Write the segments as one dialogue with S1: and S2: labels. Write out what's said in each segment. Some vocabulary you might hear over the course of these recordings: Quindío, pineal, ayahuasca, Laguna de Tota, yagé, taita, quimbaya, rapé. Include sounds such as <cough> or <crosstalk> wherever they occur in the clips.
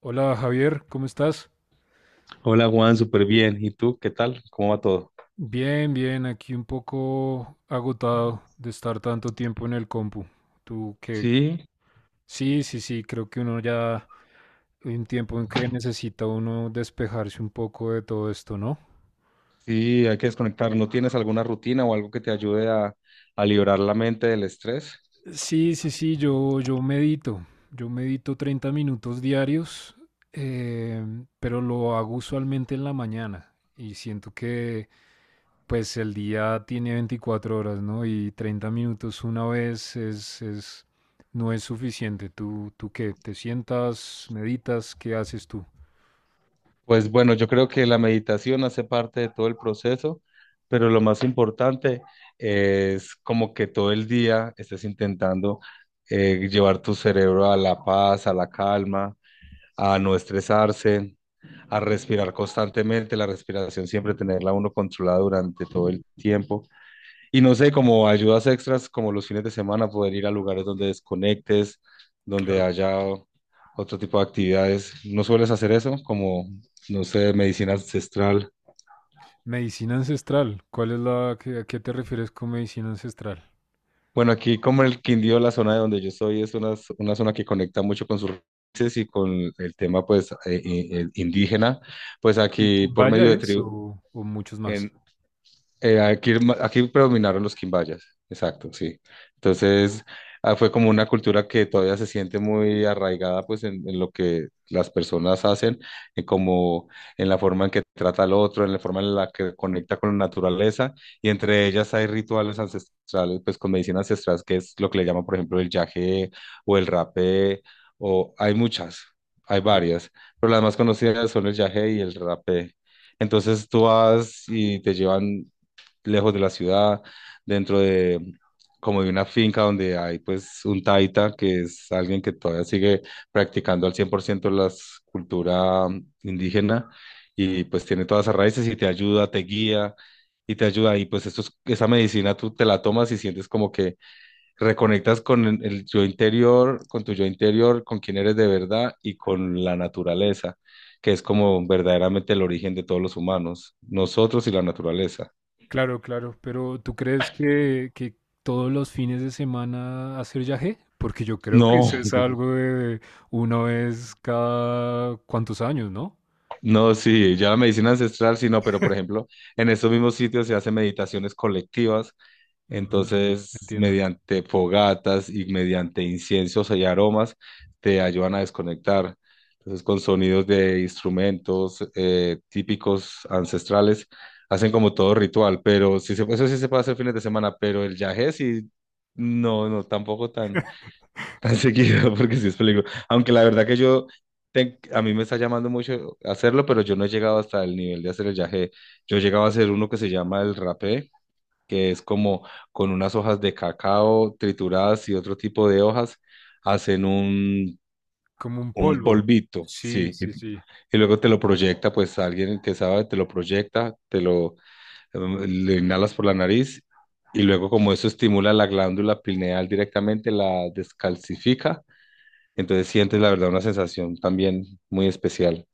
S1: Hola Javier, ¿cómo estás?
S2: Hola Juan, súper bien. ¿Y tú qué tal? ¿Cómo va todo?
S1: Bien, bien, aquí un poco agotado de estar tanto tiempo en el compu. ¿Tú qué?
S2: Sí,
S1: Sí, sí, sí, creo que uno ya hay un tiempo en que necesita uno despejarse un poco de todo esto, ¿no?
S2: sí, hay que desconectar. ¿No tienes alguna rutina o algo que te ayude a liberar la mente del estrés?
S1: Sí, sí, sí, yo medito. Yo medito 30 minutos diarios, eh, pero lo hago usualmente en la mañana y siento que pues el día tiene 24 horas, ¿no? Y 30 minutos una vez no es suficiente. ¿Tú qué? ¿Te sientas, meditas? ¿Qué haces tú?
S2: Pues bueno, yo creo que la meditación hace parte de todo el proceso, pero lo más importante es como que todo el día estés intentando llevar tu cerebro a la paz, a la calma, a no estresarse, a respirar constantemente, la respiración siempre tenerla uno controlada durante todo el tiempo. Y no sé, como ayudas extras, como los fines de semana, poder ir a lugares donde desconectes, donde
S1: Claro.
S2: haya otro tipo de actividades. ¿No sueles hacer eso? Como, no sé, medicina ancestral.
S1: Medicina ancestral. ¿Cuál es a qué te refieres con medicina ancestral?
S2: Bueno, aquí como en el Quindío, la zona de donde yo soy, es una zona que conecta mucho con sus raíces y con el tema, pues, indígena. Pues
S1: ¿Y
S2: aquí por
S1: ¿Vaya
S2: medio de
S1: es
S2: tribu,
S1: o, o muchos
S2: en,
S1: más?
S2: Eh, aquí, aquí predominaron los quimbayas, exacto, sí. Entonces, ah, fue como una cultura que todavía se siente muy arraigada pues en lo que las personas hacen, en como en la forma en que trata al otro, en la forma en la que conecta con la naturaleza, y entre ellas hay rituales ancestrales, pues con medicina ancestral, que es lo que le llaman, por ejemplo, el yagé o el rapé, o hay muchas, hay varias, pero las más conocidas son el yagé y el rapé. Entonces tú vas y te llevan lejos de la ciudad, dentro de como de una finca donde hay pues un taita, que es alguien que todavía sigue practicando al 100% la cultura indígena, y pues tiene todas esas raíces y te ayuda, te guía y te ayuda y pues esa medicina tú te la tomas y sientes como que reconectas con el yo interior, con tu yo interior, con quién eres de verdad y con la naturaleza, que es como verdaderamente el origen de todos los humanos, nosotros y la naturaleza.
S1: Claro, claro. Pero ¿tú crees que todos los fines de semana hacer yagé? Porque yo creo que
S2: No,
S1: eso es algo de una vez cada cuantos años, ¿no?
S2: no, sí, ya la medicina ancestral, sí, no, pero por ejemplo, en estos mismos sitios se hacen meditaciones colectivas,
S1: Ujú.
S2: entonces
S1: Entiendo.
S2: mediante fogatas y mediante inciensos y aromas te ayudan a desconectar. Entonces con sonidos de instrumentos típicos ancestrales hacen como todo ritual, pero sí se, eso sí se puede hacer fines de semana, pero el yagé sí, no, no, tampoco tan seguido, <laughs> porque sí es película. Aunque la verdad que yo, a mí me está llamando mucho hacerlo, pero yo no he llegado hasta el nivel de hacer el yagé. Yo he llegado a hacer uno que se llama el rapé, que es como con unas hojas de cacao trituradas y otro tipo de hojas, hacen un,
S1: Como un
S2: un
S1: polvo.
S2: polvito,
S1: Sí,
S2: sí. Y,
S1: sí, sí.
S2: y luego te lo proyecta, pues alguien que sabe, te lo proyecta, te lo inhalas por la nariz. Y luego, como eso estimula la glándula pineal directamente, la descalcifica, entonces sientes la verdad una sensación también muy especial.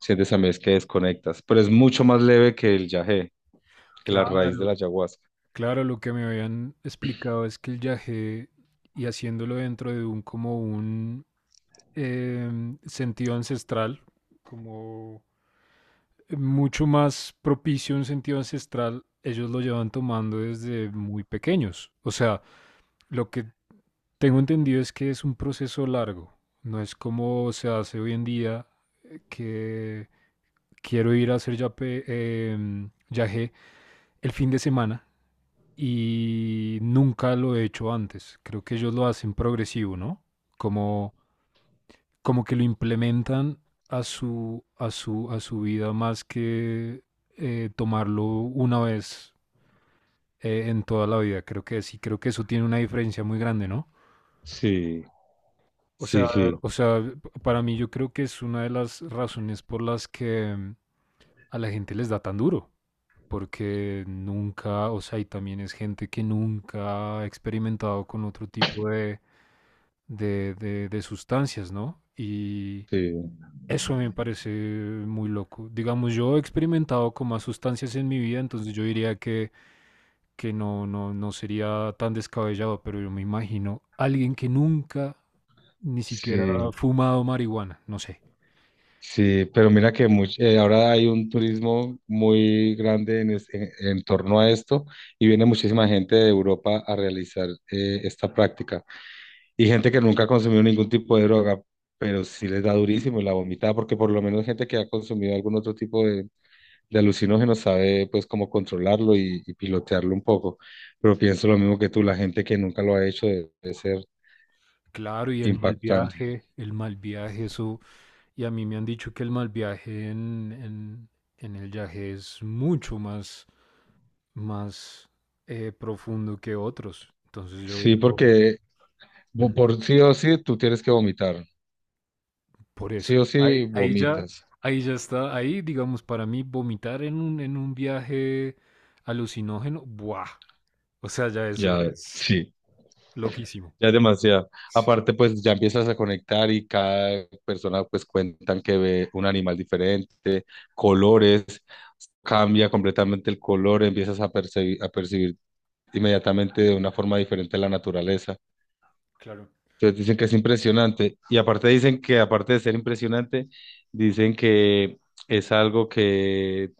S2: Sientes también es que desconectas, pero es mucho más leve que el yagé, que la raíz de la
S1: Claro,
S2: ayahuasca.
S1: claro, lo que me habían explicado es que el yagé, y haciéndolo dentro de un como un sentido ancestral, como mucho más propicio un sentido ancestral, ellos lo llevan tomando desde muy pequeños. O sea, lo que tengo entendido es que es un proceso largo, no es como se hace hoy en día que quiero ir a hacer yagé el fin de semana y nunca lo he hecho antes. Creo que ellos lo hacen progresivo, ¿no? Como, como que lo implementan a su vida más que tomarlo una vez en toda la vida. Creo que sí, creo que eso tiene una diferencia muy grande, ¿no?
S2: Sí,
S1: O sea,
S2: sí, sí,
S1: o sea, para mí yo creo que es una de las razones por las que a la gente les da tan duro. Porque nunca, o sea, y también es gente que nunca ha experimentado con otro tipo de sustancias, ¿no? Y
S2: sí,
S1: eso me parece muy loco. Digamos, yo he experimentado con más sustancias en mi vida, entonces yo diría que no, no, no sería tan descabellado, pero yo me imagino alguien que nunca ni siquiera ha
S2: sí,
S1: fumado marihuana, no sé.
S2: sí, pero mira que ahora hay un turismo muy grande en torno a esto y viene muchísima gente de Europa a realizar esta práctica y gente que nunca ha consumido ningún tipo de droga, pero sí les da durísimo y la vomita porque por lo menos gente que ha consumido algún otro tipo de alucinógeno sabe pues cómo controlarlo y pilotearlo un poco. Pero pienso lo mismo que tú, la gente que nunca lo ha hecho debe, ser
S1: Claro, y
S2: impactante.
S1: el mal viaje, eso, y a mí me han dicho que el mal viaje en el yaje es mucho más, más profundo que otros. Entonces yo
S2: Sí,
S1: digo,
S2: porque
S1: "Mm,
S2: por sí o sí tú tienes que vomitar.
S1: por eso.
S2: Sí o sí
S1: Ahí,
S2: vomitas.
S1: ahí ya está, ahí digamos, para mí vomitar en un viaje alucinógeno, ¡buah! O sea, ya eso
S2: Ya,
S1: es
S2: sí.
S1: loquísimo.
S2: Ya es demasiado.
S1: Sí,
S2: Aparte, pues ya empiezas a conectar y cada persona pues cuentan que ve un animal diferente, colores, cambia completamente el color, empiezas a percibir inmediatamente de una forma diferente la naturaleza.
S1: claro.
S2: Entonces dicen que es impresionante. Y aparte dicen que, aparte de ser impresionante, dicen que es algo que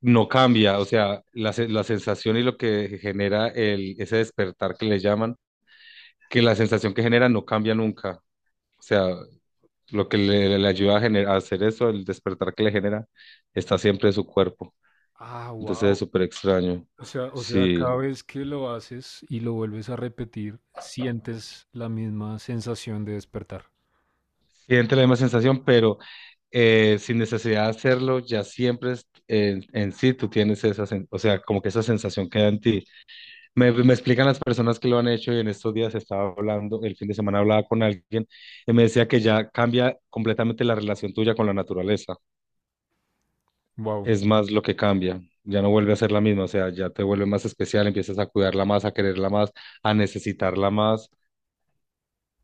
S2: no cambia. O sea, la sensación y lo que genera el, ese despertar que le llaman, que la sensación que genera no cambia nunca. O sea, lo que le, ayuda a hacer eso, el despertar que le genera, está siempre en su cuerpo.
S1: Ah,
S2: Entonces es
S1: wow.
S2: súper extraño.
S1: O sea, cada
S2: Sí.
S1: vez que lo haces y lo vuelves a repetir, sientes la misma sensación de despertar.
S2: Siente la misma sensación, pero sin necesidad de hacerlo, ya siempre en sí tú tienes esa, o sea, como que esa sensación queda en ti. Me explican las personas que lo han hecho y en estos días estaba hablando, el fin de semana hablaba con alguien y me decía que ya cambia completamente la relación tuya con la naturaleza.
S1: Wow.
S2: Es más lo que cambia, ya no vuelve a ser la misma, o sea, ya te vuelve más especial, empiezas a cuidarla más, a quererla más, a necesitarla más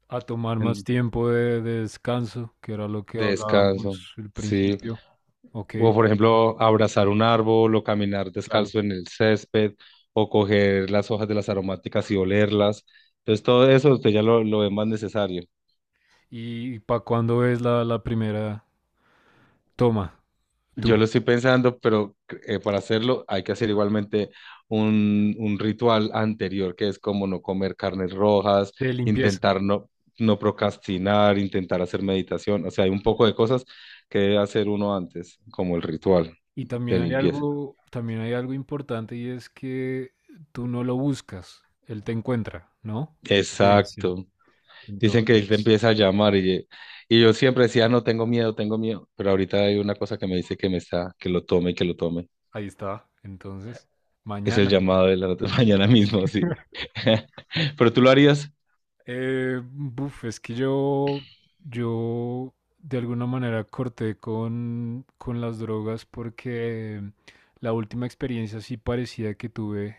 S1: A tomar más
S2: en-
S1: tiempo de descanso, que era lo que
S2: de descanso.
S1: hablábamos al
S2: Sí.
S1: principio. Ok,
S2: O por ejemplo, abrazar un árbol o caminar
S1: claro.
S2: descalzo en el césped o coger las hojas de las aromáticas y olerlas. Entonces, todo eso usted ya lo ve más necesario.
S1: ¿Y para cuándo es la, la primera toma tú
S2: Yo lo estoy pensando, pero para hacerlo hay que hacer igualmente un, ritual anterior, que es como no comer carnes rojas,
S1: de limpieza?
S2: intentar no procrastinar, intentar hacer meditación. O sea, hay un poco de cosas que debe hacer uno antes, como el ritual
S1: Y
S2: de limpieza.
S1: también hay algo importante y es que tú no lo buscas, él te encuentra, ¿no? Ok, sí.
S2: Exacto. Dicen que él te
S1: Entonces,
S2: empieza a llamar y yo siempre decía, "Ah, no, tengo miedo, pero ahorita hay una cosa que me dice que me está, que lo tome, que lo tome".
S1: ahí está. Entonces,
S2: Es el
S1: mañana.
S2: llamado de la <laughs> mañana mismo, sí. <laughs> ¿Pero tú lo harías?
S1: Buf, es que yo de alguna manera corté con las drogas porque la última experiencia así parecida que tuve,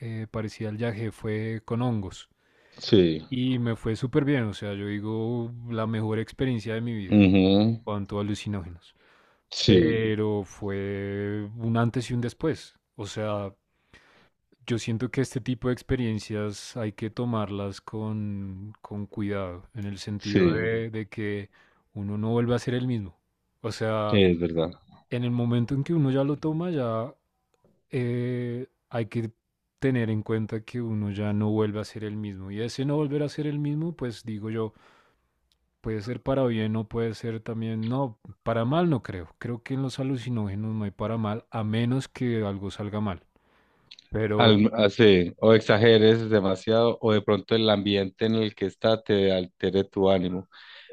S1: parecida al viaje, fue con hongos.
S2: Sí.
S1: Y me fue súper bien, o sea, yo digo la mejor experiencia de mi vida en
S2: Ujú.
S1: cuanto a alucinógenos.
S2: Sí,
S1: Pero fue un antes y un después. O sea, yo siento que este tipo de experiencias hay que tomarlas con cuidado, en el sentido
S2: sí,
S1: de que uno no vuelve a ser el mismo. O sea,
S2: es verdad.
S1: en el momento en que uno ya lo toma, ya hay que tener en cuenta que uno ya no vuelve a ser el mismo. Y ese no volver a ser el mismo, pues digo yo, puede ser para bien o puede ser también, no, para mal no creo. Creo que en los alucinógenos no hay para mal, a menos que algo salga mal. Pero...
S2: Así, o exageres demasiado, o de pronto el ambiente en el que está te altere tu ánimo.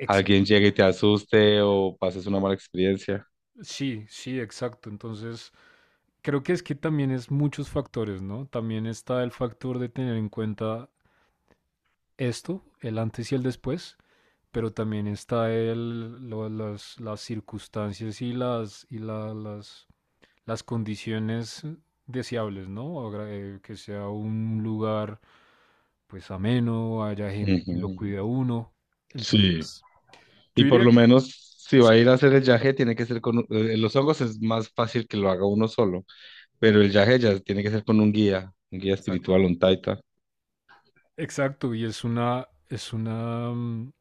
S2: Alguien llegue y te asuste, o pases una mala experiencia.
S1: Sí, sí, exacto. Entonces, creo que es que también es muchos factores, ¿no? También está el factor de tener en cuenta esto, el antes y el después, pero también está las circunstancias y las, y la- las condiciones deseables, ¿no? Que sea un lugar pues ameno, haya gente que lo
S2: Ujú.
S1: cuide a uno.
S2: Sí.
S1: Entonces, yo
S2: Y por
S1: diría
S2: lo
S1: que...
S2: menos si va a ir a hacer el yaje, tiene que ser con... Los hongos es más fácil que lo haga uno solo, pero el yaje ya tiene que ser con un guía
S1: Exacto.
S2: espiritual, un taita.
S1: Exacto, y es una, mm,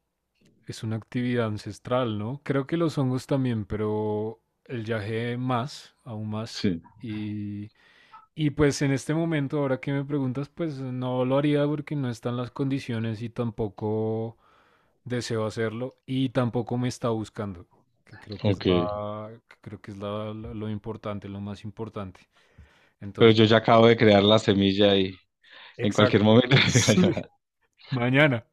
S1: es una actividad ancestral, ¿no? Creo que los hongos también, pero el yagé más, aún más.
S2: Sí.
S1: Y, y pues en este momento, ahora que me preguntas, pues no lo haría porque no están las condiciones y tampoco deseo hacerlo y tampoco me está buscando, que creo que es
S2: Ok,
S1: que creo que es lo importante, lo más importante.
S2: pero
S1: Entonces,
S2: yo ya acabo de crear la semilla y en cualquier
S1: exacto.
S2: momento
S1: <laughs>
S2: <laughs> me va a
S1: Sí,
S2: llamar.
S1: mañana.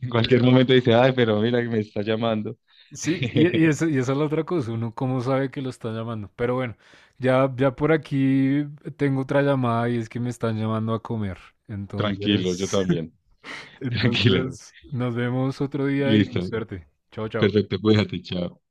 S2: En cualquier momento dice, ay, pero mira que me está llamando.
S1: Sí, y,
S2: <laughs>
S1: eso y esa es la otra cosa, uno cómo sabe que lo está llamando. Pero bueno, ya, ya por aquí tengo otra llamada y es que me están llamando a comer.
S2: Tranquilo, yo
S1: Entonces,
S2: también.
S1: <laughs>
S2: Tranquila.
S1: entonces nos vemos otro día y
S2: Listo.
S1: suerte. Chao, chao.
S2: Perfecto, cuídate, chao.